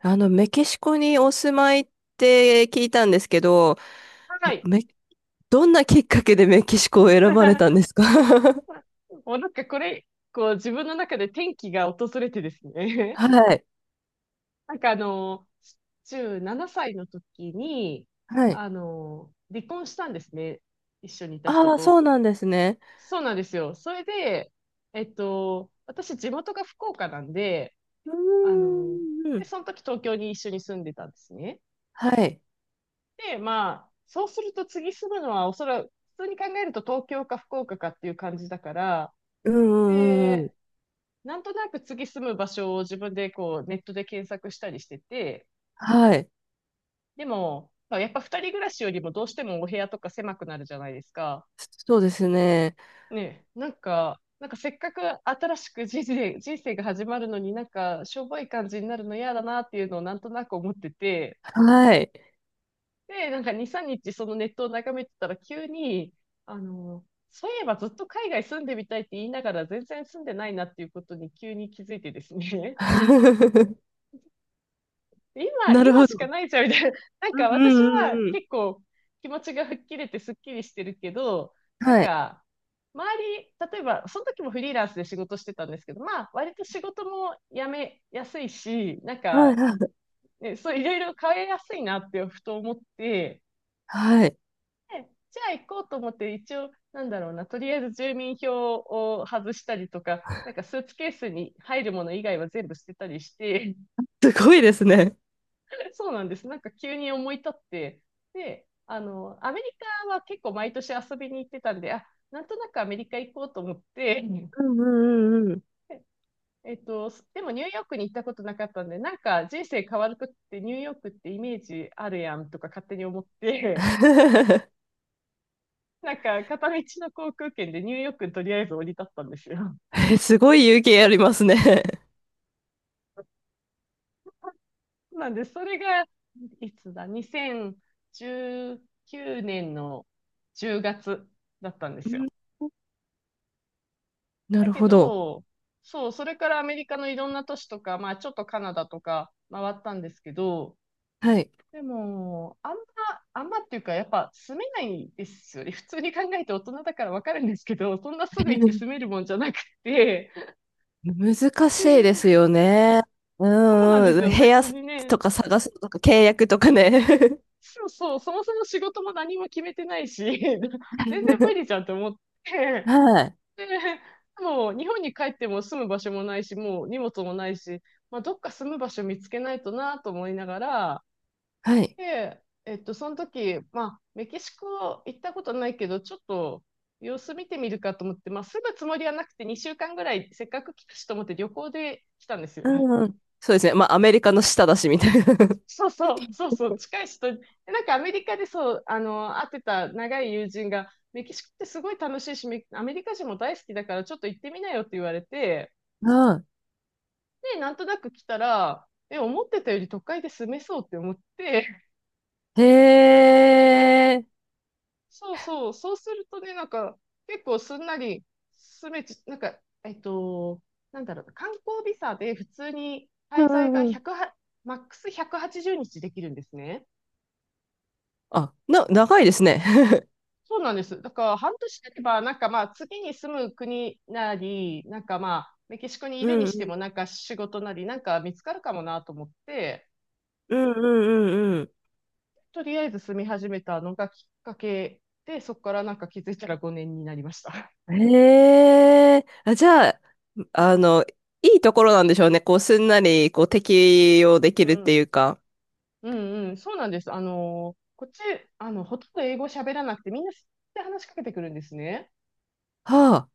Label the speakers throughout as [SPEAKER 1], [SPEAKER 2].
[SPEAKER 1] メキシコにお住まいって聞いたんですけど、
[SPEAKER 2] はい。
[SPEAKER 1] め、どんなきっかけでメキシコを選ばれたんで すか？
[SPEAKER 2] もうなんかこれ、こう自分の中で転機が訪れてですね。
[SPEAKER 1] はい。
[SPEAKER 2] なんか17歳の時に、
[SPEAKER 1] はい。
[SPEAKER 2] 離婚したんですね。一緒にいた人
[SPEAKER 1] ああ、
[SPEAKER 2] と。
[SPEAKER 1] そうなんですね。
[SPEAKER 2] そうなんですよ。それで、私地元が福岡なんで、
[SPEAKER 1] う
[SPEAKER 2] あの、
[SPEAKER 1] ー
[SPEAKER 2] で、
[SPEAKER 1] ん。
[SPEAKER 2] その時東京に一緒に住んでたんですね。
[SPEAKER 1] はい。
[SPEAKER 2] で、まあ、そうすると次住むのはおそらく、普通に考えると東京か福岡かっていう感じだから、
[SPEAKER 1] うんうんうんうん。
[SPEAKER 2] で、なんとなく次住む場所を自分でこうネットで検索したりしてて、
[SPEAKER 1] はい。
[SPEAKER 2] でも、まあやっぱ二人暮らしよりもどうしてもお部屋とか狭くなるじゃないですか。
[SPEAKER 1] そうですね。
[SPEAKER 2] ねえ、なんか、なんかせっかく新しく人生が始まるのになんかしょぼい感じになるの嫌だなっていうのをなんとなく思ってて、
[SPEAKER 1] はい。
[SPEAKER 2] で、なんか2、3日そのネットを眺めてたら急に、あの、そういえばずっと海外住んでみたいって言いながら全然住んでないなっていうことに急に気づいてですね。今、
[SPEAKER 1] なる
[SPEAKER 2] 今
[SPEAKER 1] ほ
[SPEAKER 2] しか
[SPEAKER 1] ど。
[SPEAKER 2] ないじゃん、みたいな。なん
[SPEAKER 1] うん
[SPEAKER 2] か
[SPEAKER 1] う
[SPEAKER 2] 私
[SPEAKER 1] ん
[SPEAKER 2] は
[SPEAKER 1] うんうん。
[SPEAKER 2] 結構気持ちが吹っ切れてすっきりしてるけど、なん
[SPEAKER 1] はい。
[SPEAKER 2] か、周り、例えば、その時もフリーランスで仕事してたんですけど、まあ、割と仕事も辞めやすいし、なん
[SPEAKER 1] はい
[SPEAKER 2] か、
[SPEAKER 1] はい。
[SPEAKER 2] ね、そう、いろいろ変えやすいなってふと思って、
[SPEAKER 1] はい。
[SPEAKER 2] でじゃあ行こうと思って、一応、なんだろうな、とりあえず住民票を外したりとか、なんかスーツケースに入るもの以外は全部捨てたりして、
[SPEAKER 1] すごいですね。
[SPEAKER 2] そうなんです。なんか急に思い立って、で、アメリカは結構毎年遊びに行ってたんで、あ、なんとなくアメリカ行こうと思って、うん、
[SPEAKER 1] うんうんうんうん。
[SPEAKER 2] でもニューヨークに行ったことなかったんで、なんか人生変わるときってニューヨークってイメージあるやんとか勝手に思って、なんか片道の航空券でニューヨークにとりあえず降り立ったんですよ。
[SPEAKER 1] え、すごい勇気ありますね。
[SPEAKER 2] なんで、それが、いつだ、2019年の10月だったんで
[SPEAKER 1] う
[SPEAKER 2] すよ。
[SPEAKER 1] ん、な
[SPEAKER 2] だ
[SPEAKER 1] る
[SPEAKER 2] け
[SPEAKER 1] ほど。
[SPEAKER 2] ど、そう、それからアメリカのいろんな都市とか、まあちょっとカナダとか回ったんですけど、
[SPEAKER 1] はい。
[SPEAKER 2] でも、あんまっていうか、やっぱ住めないですよね。普通に考えて大人だからわかるんですけど、そんなすぐ行って住め るもんじゃなくて、
[SPEAKER 1] 難しいです
[SPEAKER 2] で、
[SPEAKER 1] よね。う
[SPEAKER 2] そうなんで
[SPEAKER 1] ん
[SPEAKER 2] す
[SPEAKER 1] うん。部
[SPEAKER 2] よ。別
[SPEAKER 1] 屋
[SPEAKER 2] にね、
[SPEAKER 1] とか探すとか契約とかね。
[SPEAKER 2] そうそう、そもそも仕事も何も決めてないし、全然無 理じゃんと思って、
[SPEAKER 1] はい。
[SPEAKER 2] で、もう日本に帰っても住む場所もないし、もう荷物もないし、まあ、どっか住む場所見つけないとなと思いながら、
[SPEAKER 1] はい。
[SPEAKER 2] で、その時、まあ、メキシコ行ったことないけど、ちょっと様子見てみるかと思って、まあ、住むつもりはなくて2週間ぐらいせっかく来たしと思って旅行で来たんです
[SPEAKER 1] う
[SPEAKER 2] よ。
[SPEAKER 1] んうん。そうですね。まあ、アメリカの下だし、みたい
[SPEAKER 2] そうそう、そうそう、近い人、でなんかアメリカでそう、会ってた長い友人が、メキシコってすごい楽しいし、アメリカ人も大好きだからちょっと行ってみなよって言われて、
[SPEAKER 1] な。う
[SPEAKER 2] で、なんとなく来たら、え、思ってたより都会で住めそうって思って、
[SPEAKER 1] ん。へえ。
[SPEAKER 2] そうそう、そうするとね、なんか、結構すんなり住めち、なんか、えっと、なんだろうな、観光ビザで普通に
[SPEAKER 1] う
[SPEAKER 2] 滞
[SPEAKER 1] ん
[SPEAKER 2] 在
[SPEAKER 1] う
[SPEAKER 2] が
[SPEAKER 1] んうん。
[SPEAKER 2] 100は、マックス180日できるんですね。
[SPEAKER 1] あ、な、長いですね。
[SPEAKER 2] そうなんです。だから半年経てば、なんかまあ次に住む国なり、なんかまあメキシコにいるに
[SPEAKER 1] う
[SPEAKER 2] して
[SPEAKER 1] ん
[SPEAKER 2] も、なんか仕事なり、なんか見つかるかもなと思って、
[SPEAKER 1] うんうんうん
[SPEAKER 2] とりあえず住み始めたのがきっかけで、そこからなんか気づいたら5年になりました。
[SPEAKER 1] うん。へえ。あ、じゃあ、あの、いいところなんでしょうね。こう、すんなり、こう、適用で き
[SPEAKER 2] う
[SPEAKER 1] るってい
[SPEAKER 2] ん。
[SPEAKER 1] うか。
[SPEAKER 2] うんうん。そうなんです。こっち、ほとんど英語喋らなくて、みんな知って話しかけてくるんですね。
[SPEAKER 1] は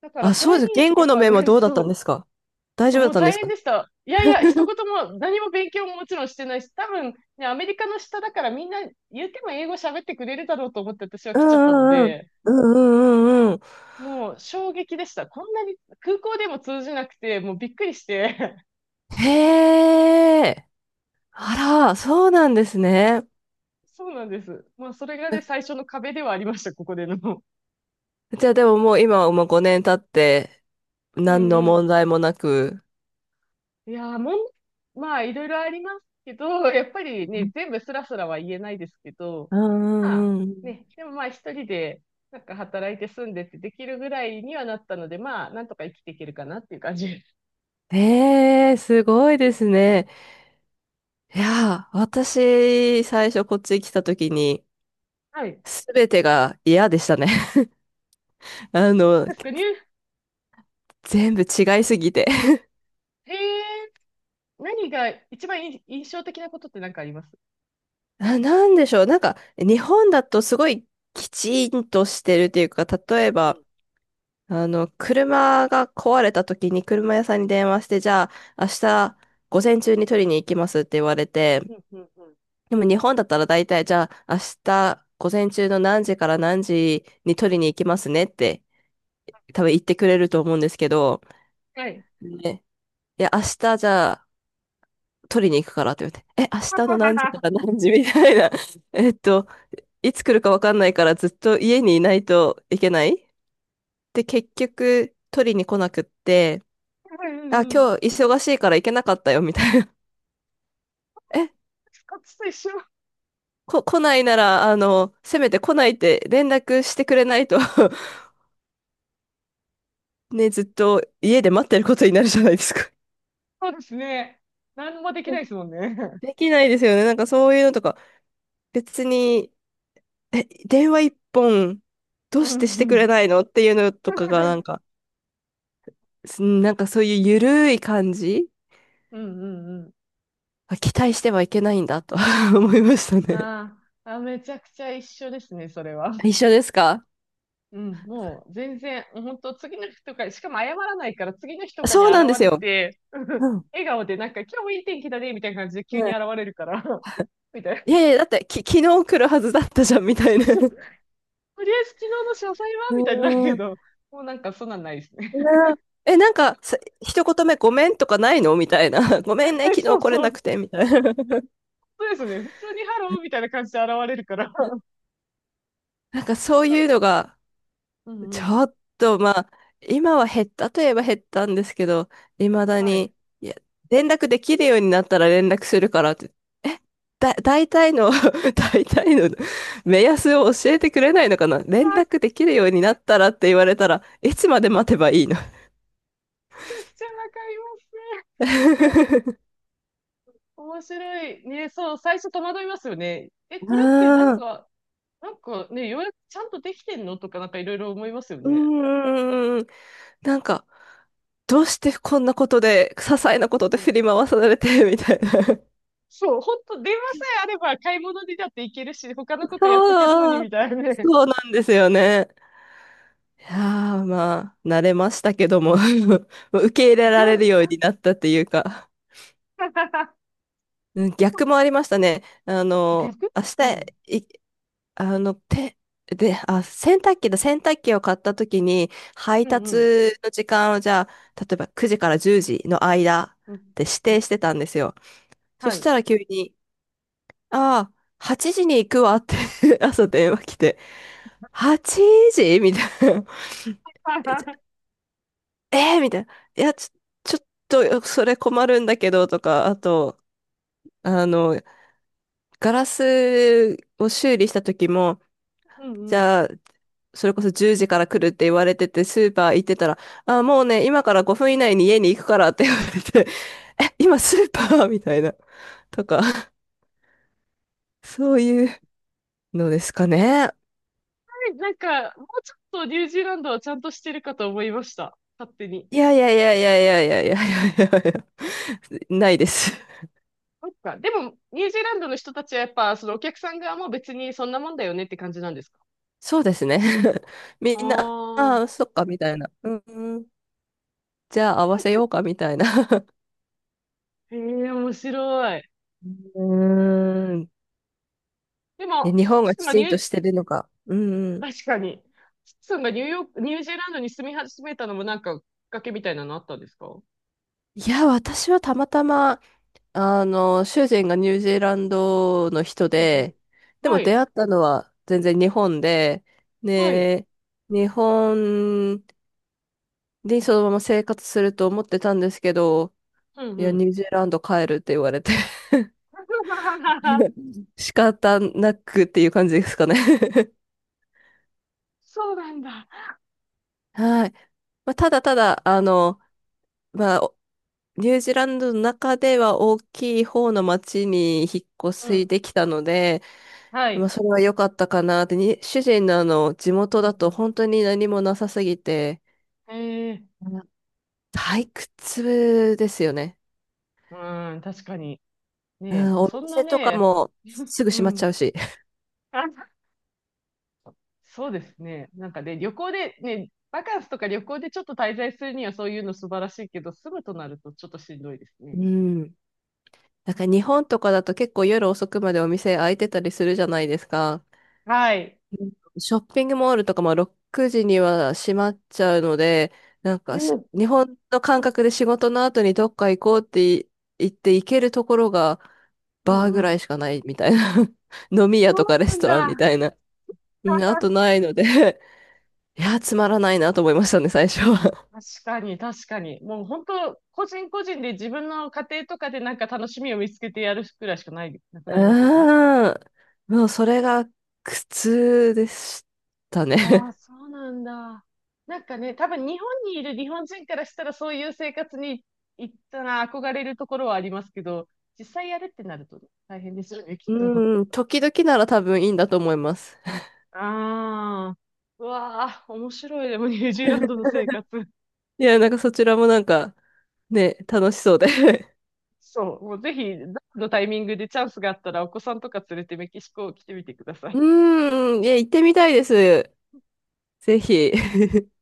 [SPEAKER 2] だか
[SPEAKER 1] あ。
[SPEAKER 2] ら、
[SPEAKER 1] あ、
[SPEAKER 2] それ
[SPEAKER 1] そうです。
[SPEAKER 2] に、
[SPEAKER 1] 言
[SPEAKER 2] や
[SPEAKER 1] 語
[SPEAKER 2] っ
[SPEAKER 1] の
[SPEAKER 2] ぱ
[SPEAKER 1] 面は
[SPEAKER 2] ね、
[SPEAKER 1] どうだったん
[SPEAKER 2] そ
[SPEAKER 1] ですか？大
[SPEAKER 2] う、
[SPEAKER 1] 丈夫だ
[SPEAKER 2] も
[SPEAKER 1] っ
[SPEAKER 2] う
[SPEAKER 1] たんで
[SPEAKER 2] 大
[SPEAKER 1] す
[SPEAKER 2] 変
[SPEAKER 1] か？
[SPEAKER 2] でした。いやいや、一言も、何も勉強ももちろんしてないし、多分、ね、アメリカの下だからみんな言うても英語喋ってくれるだろうと思って私は
[SPEAKER 1] う
[SPEAKER 2] 来ちゃったの
[SPEAKER 1] んうんうん。
[SPEAKER 2] で、
[SPEAKER 1] うんうんうんうん。
[SPEAKER 2] もう衝撃でした。こんなに空港でも通じなくて、もうびっくりして。
[SPEAKER 1] へえ。あら、そうなんですね。
[SPEAKER 2] そうなんです。まあ、それがね、最初の壁ではありました、ここでの。
[SPEAKER 1] じゃあでももう今はもう5年経って、
[SPEAKER 2] う
[SPEAKER 1] 何
[SPEAKER 2] ん
[SPEAKER 1] の
[SPEAKER 2] う
[SPEAKER 1] 問
[SPEAKER 2] ん。
[SPEAKER 1] 題もなく。
[SPEAKER 2] いやー、まあ、いろいろありますけど、やっぱりね、全部スラスラは言えないですけど、
[SPEAKER 1] う
[SPEAKER 2] まあ、
[SPEAKER 1] んうんうん。
[SPEAKER 2] ね、でもまあ、一人で、なんか働いて住んでってできるぐらいにはなったので、まあ、なんとか生きていけるかなっていう感じです。
[SPEAKER 1] へえ、すごいですね。いやー、私、最初こっち来た時に、
[SPEAKER 2] はい。
[SPEAKER 1] すべてが嫌でしたね。あの、
[SPEAKER 2] 確かに、
[SPEAKER 1] 全部違いすぎて。
[SPEAKER 2] えー、何が一番い印象的なことって何かあります？
[SPEAKER 1] あ、なんでしょう。なんか、日本だとすごいきちんとしてるっていうか、例え
[SPEAKER 2] うん
[SPEAKER 1] ば、
[SPEAKER 2] う
[SPEAKER 1] 車が壊れた時に車屋さんに電話して、じゃあ、明日午前中に取りに行きますって言われて、
[SPEAKER 2] ん。うんうんうん。
[SPEAKER 1] でも日本だったら大体、じゃあ、明日午前中の何時から何時に取りに行きますねって、多分言ってくれると思うんですけど、
[SPEAKER 2] はい。
[SPEAKER 1] ね、いや、明日じゃあ、取りに行くからって言って、え、明日の何時か ら何時みたいな。えっと、いつ来るかわかんないからずっと家にいないといけないで、結局取りに来なくって、
[SPEAKER 2] うんう
[SPEAKER 1] あ、
[SPEAKER 2] んうん。
[SPEAKER 1] 今日忙しいから行けなかったよ、みたいな。え、
[SPEAKER 2] カツと一緒。
[SPEAKER 1] 来ないなら、せめて来ないって連絡してくれないと ね、ずっと家で待ってることになるじゃないですか。
[SPEAKER 2] そうですね。何もできない ですもんね。
[SPEAKER 1] できないですよね。なんかそういうのとか、別に、え、電話一本、ど
[SPEAKER 2] う
[SPEAKER 1] うしてし
[SPEAKER 2] んう
[SPEAKER 1] てくれ
[SPEAKER 2] ん。
[SPEAKER 1] ないのっていうのとかが、な んか、なんかそういうゆるい感じ、
[SPEAKER 2] うんうん
[SPEAKER 1] あ、期待してはいけないんだと 思いました
[SPEAKER 2] うん。
[SPEAKER 1] ね。
[SPEAKER 2] あーあ、めちゃくちゃ一緒ですね、それは。
[SPEAKER 1] 一緒ですか？
[SPEAKER 2] うん、もう全然、本当次の日とか、しかも謝らないから次の日とかに
[SPEAKER 1] そう
[SPEAKER 2] 現
[SPEAKER 1] なんです
[SPEAKER 2] れ
[SPEAKER 1] よ。
[SPEAKER 2] て、うん、
[SPEAKER 1] うん。
[SPEAKER 2] 笑顔でなんか今日もいい天気だね、みたいな感じで
[SPEAKER 1] う
[SPEAKER 2] 急に
[SPEAKER 1] ん。
[SPEAKER 2] 現れるから、みたい
[SPEAKER 1] い
[SPEAKER 2] な。
[SPEAKER 1] やいや、だって昨日来るはずだったじゃん、みたい
[SPEAKER 2] そう
[SPEAKER 1] な。
[SPEAKER 2] そう。と
[SPEAKER 1] う
[SPEAKER 2] りあえず昨日の詳細はみたいになる
[SPEAKER 1] ー
[SPEAKER 2] け
[SPEAKER 1] ん。
[SPEAKER 2] ど、もうなんかそんなんないですね。
[SPEAKER 1] ねえ、なんか、一言目ごめんとかないのみたいな。ごめんね、昨
[SPEAKER 2] そ
[SPEAKER 1] 日
[SPEAKER 2] う
[SPEAKER 1] 来れ
[SPEAKER 2] そう。
[SPEAKER 1] なく て、みたいな。
[SPEAKER 2] そうですね。普通にハローみたいな感じで現れるから。
[SPEAKER 1] なんかそういうのが
[SPEAKER 2] うんう
[SPEAKER 1] ち
[SPEAKER 2] ん。
[SPEAKER 1] ょっと、まあ、今は減ったといえば減ったんですけど、未だ
[SPEAKER 2] はい。
[SPEAKER 1] に、いや、連絡できるようになったら連絡するからって、え、大体の 大体の目安を教えてくれないのかな、連
[SPEAKER 2] わ
[SPEAKER 1] 絡
[SPEAKER 2] く
[SPEAKER 1] できるようになったらって言われたら、いつまで待てばいいの？
[SPEAKER 2] ちゃくちゃわかりますね。面白い。ね、そう、最初戸惑いますよね。え、これってなん
[SPEAKER 1] ああ、
[SPEAKER 2] か、なんかね、ようやくちゃんとできてんのとかなんかいろいろ思いますよ
[SPEAKER 1] う
[SPEAKER 2] ね。
[SPEAKER 1] ーん、なんか、どうしてこんなことで、些細なこと
[SPEAKER 2] う
[SPEAKER 1] で
[SPEAKER 2] ん。
[SPEAKER 1] 振り回されて、みたいな。
[SPEAKER 2] そう、ほんと、電話さえあれば買い物にだって行けるし、他のこ とやっとけるのに
[SPEAKER 1] そ
[SPEAKER 2] み
[SPEAKER 1] う、
[SPEAKER 2] たいなね。
[SPEAKER 1] そうなんですよね。いやー、まあ、慣れましたけども、もう受け入れ
[SPEAKER 2] じゅ
[SPEAKER 1] られ
[SPEAKER 2] う
[SPEAKER 1] るようになったっていうか、うん、逆 もありましたね。あの、
[SPEAKER 2] 逆、
[SPEAKER 1] 明
[SPEAKER 2] うん。
[SPEAKER 1] 日、い、あの、て、で、あ、洗濯機だ、洗濯機を買った時に、配
[SPEAKER 2] うんう
[SPEAKER 1] 達
[SPEAKER 2] ん。
[SPEAKER 1] の時間をじゃあ、例えば9時から10時の間っ
[SPEAKER 2] うん。
[SPEAKER 1] て指
[SPEAKER 2] う
[SPEAKER 1] 定
[SPEAKER 2] ん。
[SPEAKER 1] してたんですよ。そ
[SPEAKER 2] は
[SPEAKER 1] し
[SPEAKER 2] い。
[SPEAKER 1] たら急に、ああ、8時に行くわって 朝電話来て、8時みたいな。えーみたいな。いや、ちょっと、それ困るんだけど、とか、あと、あの、ガラスを修理した時も、
[SPEAKER 2] うんう
[SPEAKER 1] じ
[SPEAKER 2] ん。
[SPEAKER 1] ゃあ、それこそ10時から来るって言われてて、スーパー行ってたら、あ、もうね、今から5分以内に家に行くからって言われて、え、今スーパーみたいな、とか、そういうのですかね。
[SPEAKER 2] なんか、もうちょっとニュージーランドはちゃんとしてるかと思いました。勝手に。
[SPEAKER 1] いやいやいやいやいやいやいやいやいやいや、ないです。
[SPEAKER 2] そっか。でも、ニュージーランドの人たちはやっぱ、そのお客さん側も別にそんなもんだよねって感じなんですか？
[SPEAKER 1] そうですね。みんな、あ
[SPEAKER 2] あ
[SPEAKER 1] あ、
[SPEAKER 2] あ
[SPEAKER 1] そっか、みたいな。うんうん。じゃあ合わせようかみたいな。
[SPEAKER 2] ー、へえ、面白い。
[SPEAKER 1] うーん。
[SPEAKER 2] で
[SPEAKER 1] え、
[SPEAKER 2] も、
[SPEAKER 1] 日本
[SPEAKER 2] ス
[SPEAKER 1] が
[SPEAKER 2] ッさ
[SPEAKER 1] き
[SPEAKER 2] が
[SPEAKER 1] ち
[SPEAKER 2] ニ
[SPEAKER 1] ん
[SPEAKER 2] ュ
[SPEAKER 1] と
[SPEAKER 2] ー、
[SPEAKER 1] してるのか。うんうん。
[SPEAKER 2] 確かに、スッツンがニューヨーク、ニュージーランドに住み始めたのもなんか、きっかけみたいなのあったんですか？
[SPEAKER 1] いや、私はたまたま、主人がニュージーランドの人
[SPEAKER 2] うんうん。
[SPEAKER 1] で、で
[SPEAKER 2] は
[SPEAKER 1] も出
[SPEAKER 2] い、
[SPEAKER 1] 会ったのは全然日本で、
[SPEAKER 2] はい、
[SPEAKER 1] ね、日本にそのまま生活すると思ってたんですけど、
[SPEAKER 2] うん
[SPEAKER 1] い
[SPEAKER 2] う
[SPEAKER 1] や、
[SPEAKER 2] ん。
[SPEAKER 1] ニュージーランド帰るって言われて 仕方なくっていう感じですかね。
[SPEAKER 2] そうなんだ。
[SPEAKER 1] はい。まあ、ただただ、まあ、ニュージーランドの中では大きい方の町に引っ越
[SPEAKER 2] う
[SPEAKER 1] し
[SPEAKER 2] ん、
[SPEAKER 1] できたので、
[SPEAKER 2] は
[SPEAKER 1] まあ、
[SPEAKER 2] い。
[SPEAKER 1] それは良かったかなって、に主人のあの地元
[SPEAKER 2] うん
[SPEAKER 1] だ
[SPEAKER 2] う
[SPEAKER 1] と
[SPEAKER 2] ん。
[SPEAKER 1] 本当に何もなさすぎて、
[SPEAKER 2] へえ、
[SPEAKER 1] うん、退屈ですよね。
[SPEAKER 2] うん、確かに。
[SPEAKER 1] う
[SPEAKER 2] ねえ、
[SPEAKER 1] ん、
[SPEAKER 2] もう
[SPEAKER 1] お
[SPEAKER 2] そんな
[SPEAKER 1] 店とか
[SPEAKER 2] ね、
[SPEAKER 1] もすぐ
[SPEAKER 2] う
[SPEAKER 1] 閉まっちゃう
[SPEAKER 2] ん。
[SPEAKER 1] し。
[SPEAKER 2] そうですね。なんかね、旅行で、ね、バカンスとか旅行でちょっと滞在するにはそういうの素晴らしいけど、住むとなるとちょっとしんどいです
[SPEAKER 1] う
[SPEAKER 2] ね。
[SPEAKER 1] ん。なんか日本とかだと結構夜遅くまでお店開いてたりするじゃないですか。
[SPEAKER 2] はい。
[SPEAKER 1] うん、ショッピングモールとかも6時には閉まっちゃうので、なん
[SPEAKER 2] う
[SPEAKER 1] か
[SPEAKER 2] ん。
[SPEAKER 1] 日本の感
[SPEAKER 2] うん
[SPEAKER 1] 覚で仕事の後にどっか行こうって言って行けるところが
[SPEAKER 2] う
[SPEAKER 1] バーぐ
[SPEAKER 2] んう
[SPEAKER 1] ら
[SPEAKER 2] ん。
[SPEAKER 1] いしかないみたいな。飲み
[SPEAKER 2] そ
[SPEAKER 1] 屋と
[SPEAKER 2] う
[SPEAKER 1] かレ
[SPEAKER 2] な
[SPEAKER 1] ス
[SPEAKER 2] ん
[SPEAKER 1] トランみ
[SPEAKER 2] だ。
[SPEAKER 1] たいな。うん、あとないので いや、つまらないなと思いましたね、最初は。
[SPEAKER 2] 確かに、確かに。もう本当、個人個人で自分の家庭とかでなんか楽しみを見つけてやるくらいしかない、な くなりますよね。
[SPEAKER 1] うーん。もうそれが苦痛でしたね。
[SPEAKER 2] ああ、そうなんだ。なんかね、多分日本にいる日本人からしたらそういう生活に行ったら憧れるところはありますけど、実際やるってなるとね大変ですよね、きっと。
[SPEAKER 1] うん、時々なら多分いいんだと思います。
[SPEAKER 2] ああ、うわあ、面白い。でもニュージーランドの生活。
[SPEAKER 1] いや、なんかそちらもなんか、ね、楽しそうで。
[SPEAKER 2] そう、もうぜひ、どのタイミングでチャンスがあったらお子さんとか連れてメキシコ来てみてくださ
[SPEAKER 1] う
[SPEAKER 2] い。
[SPEAKER 1] ーん、いや、行ってみたいです。ぜひ。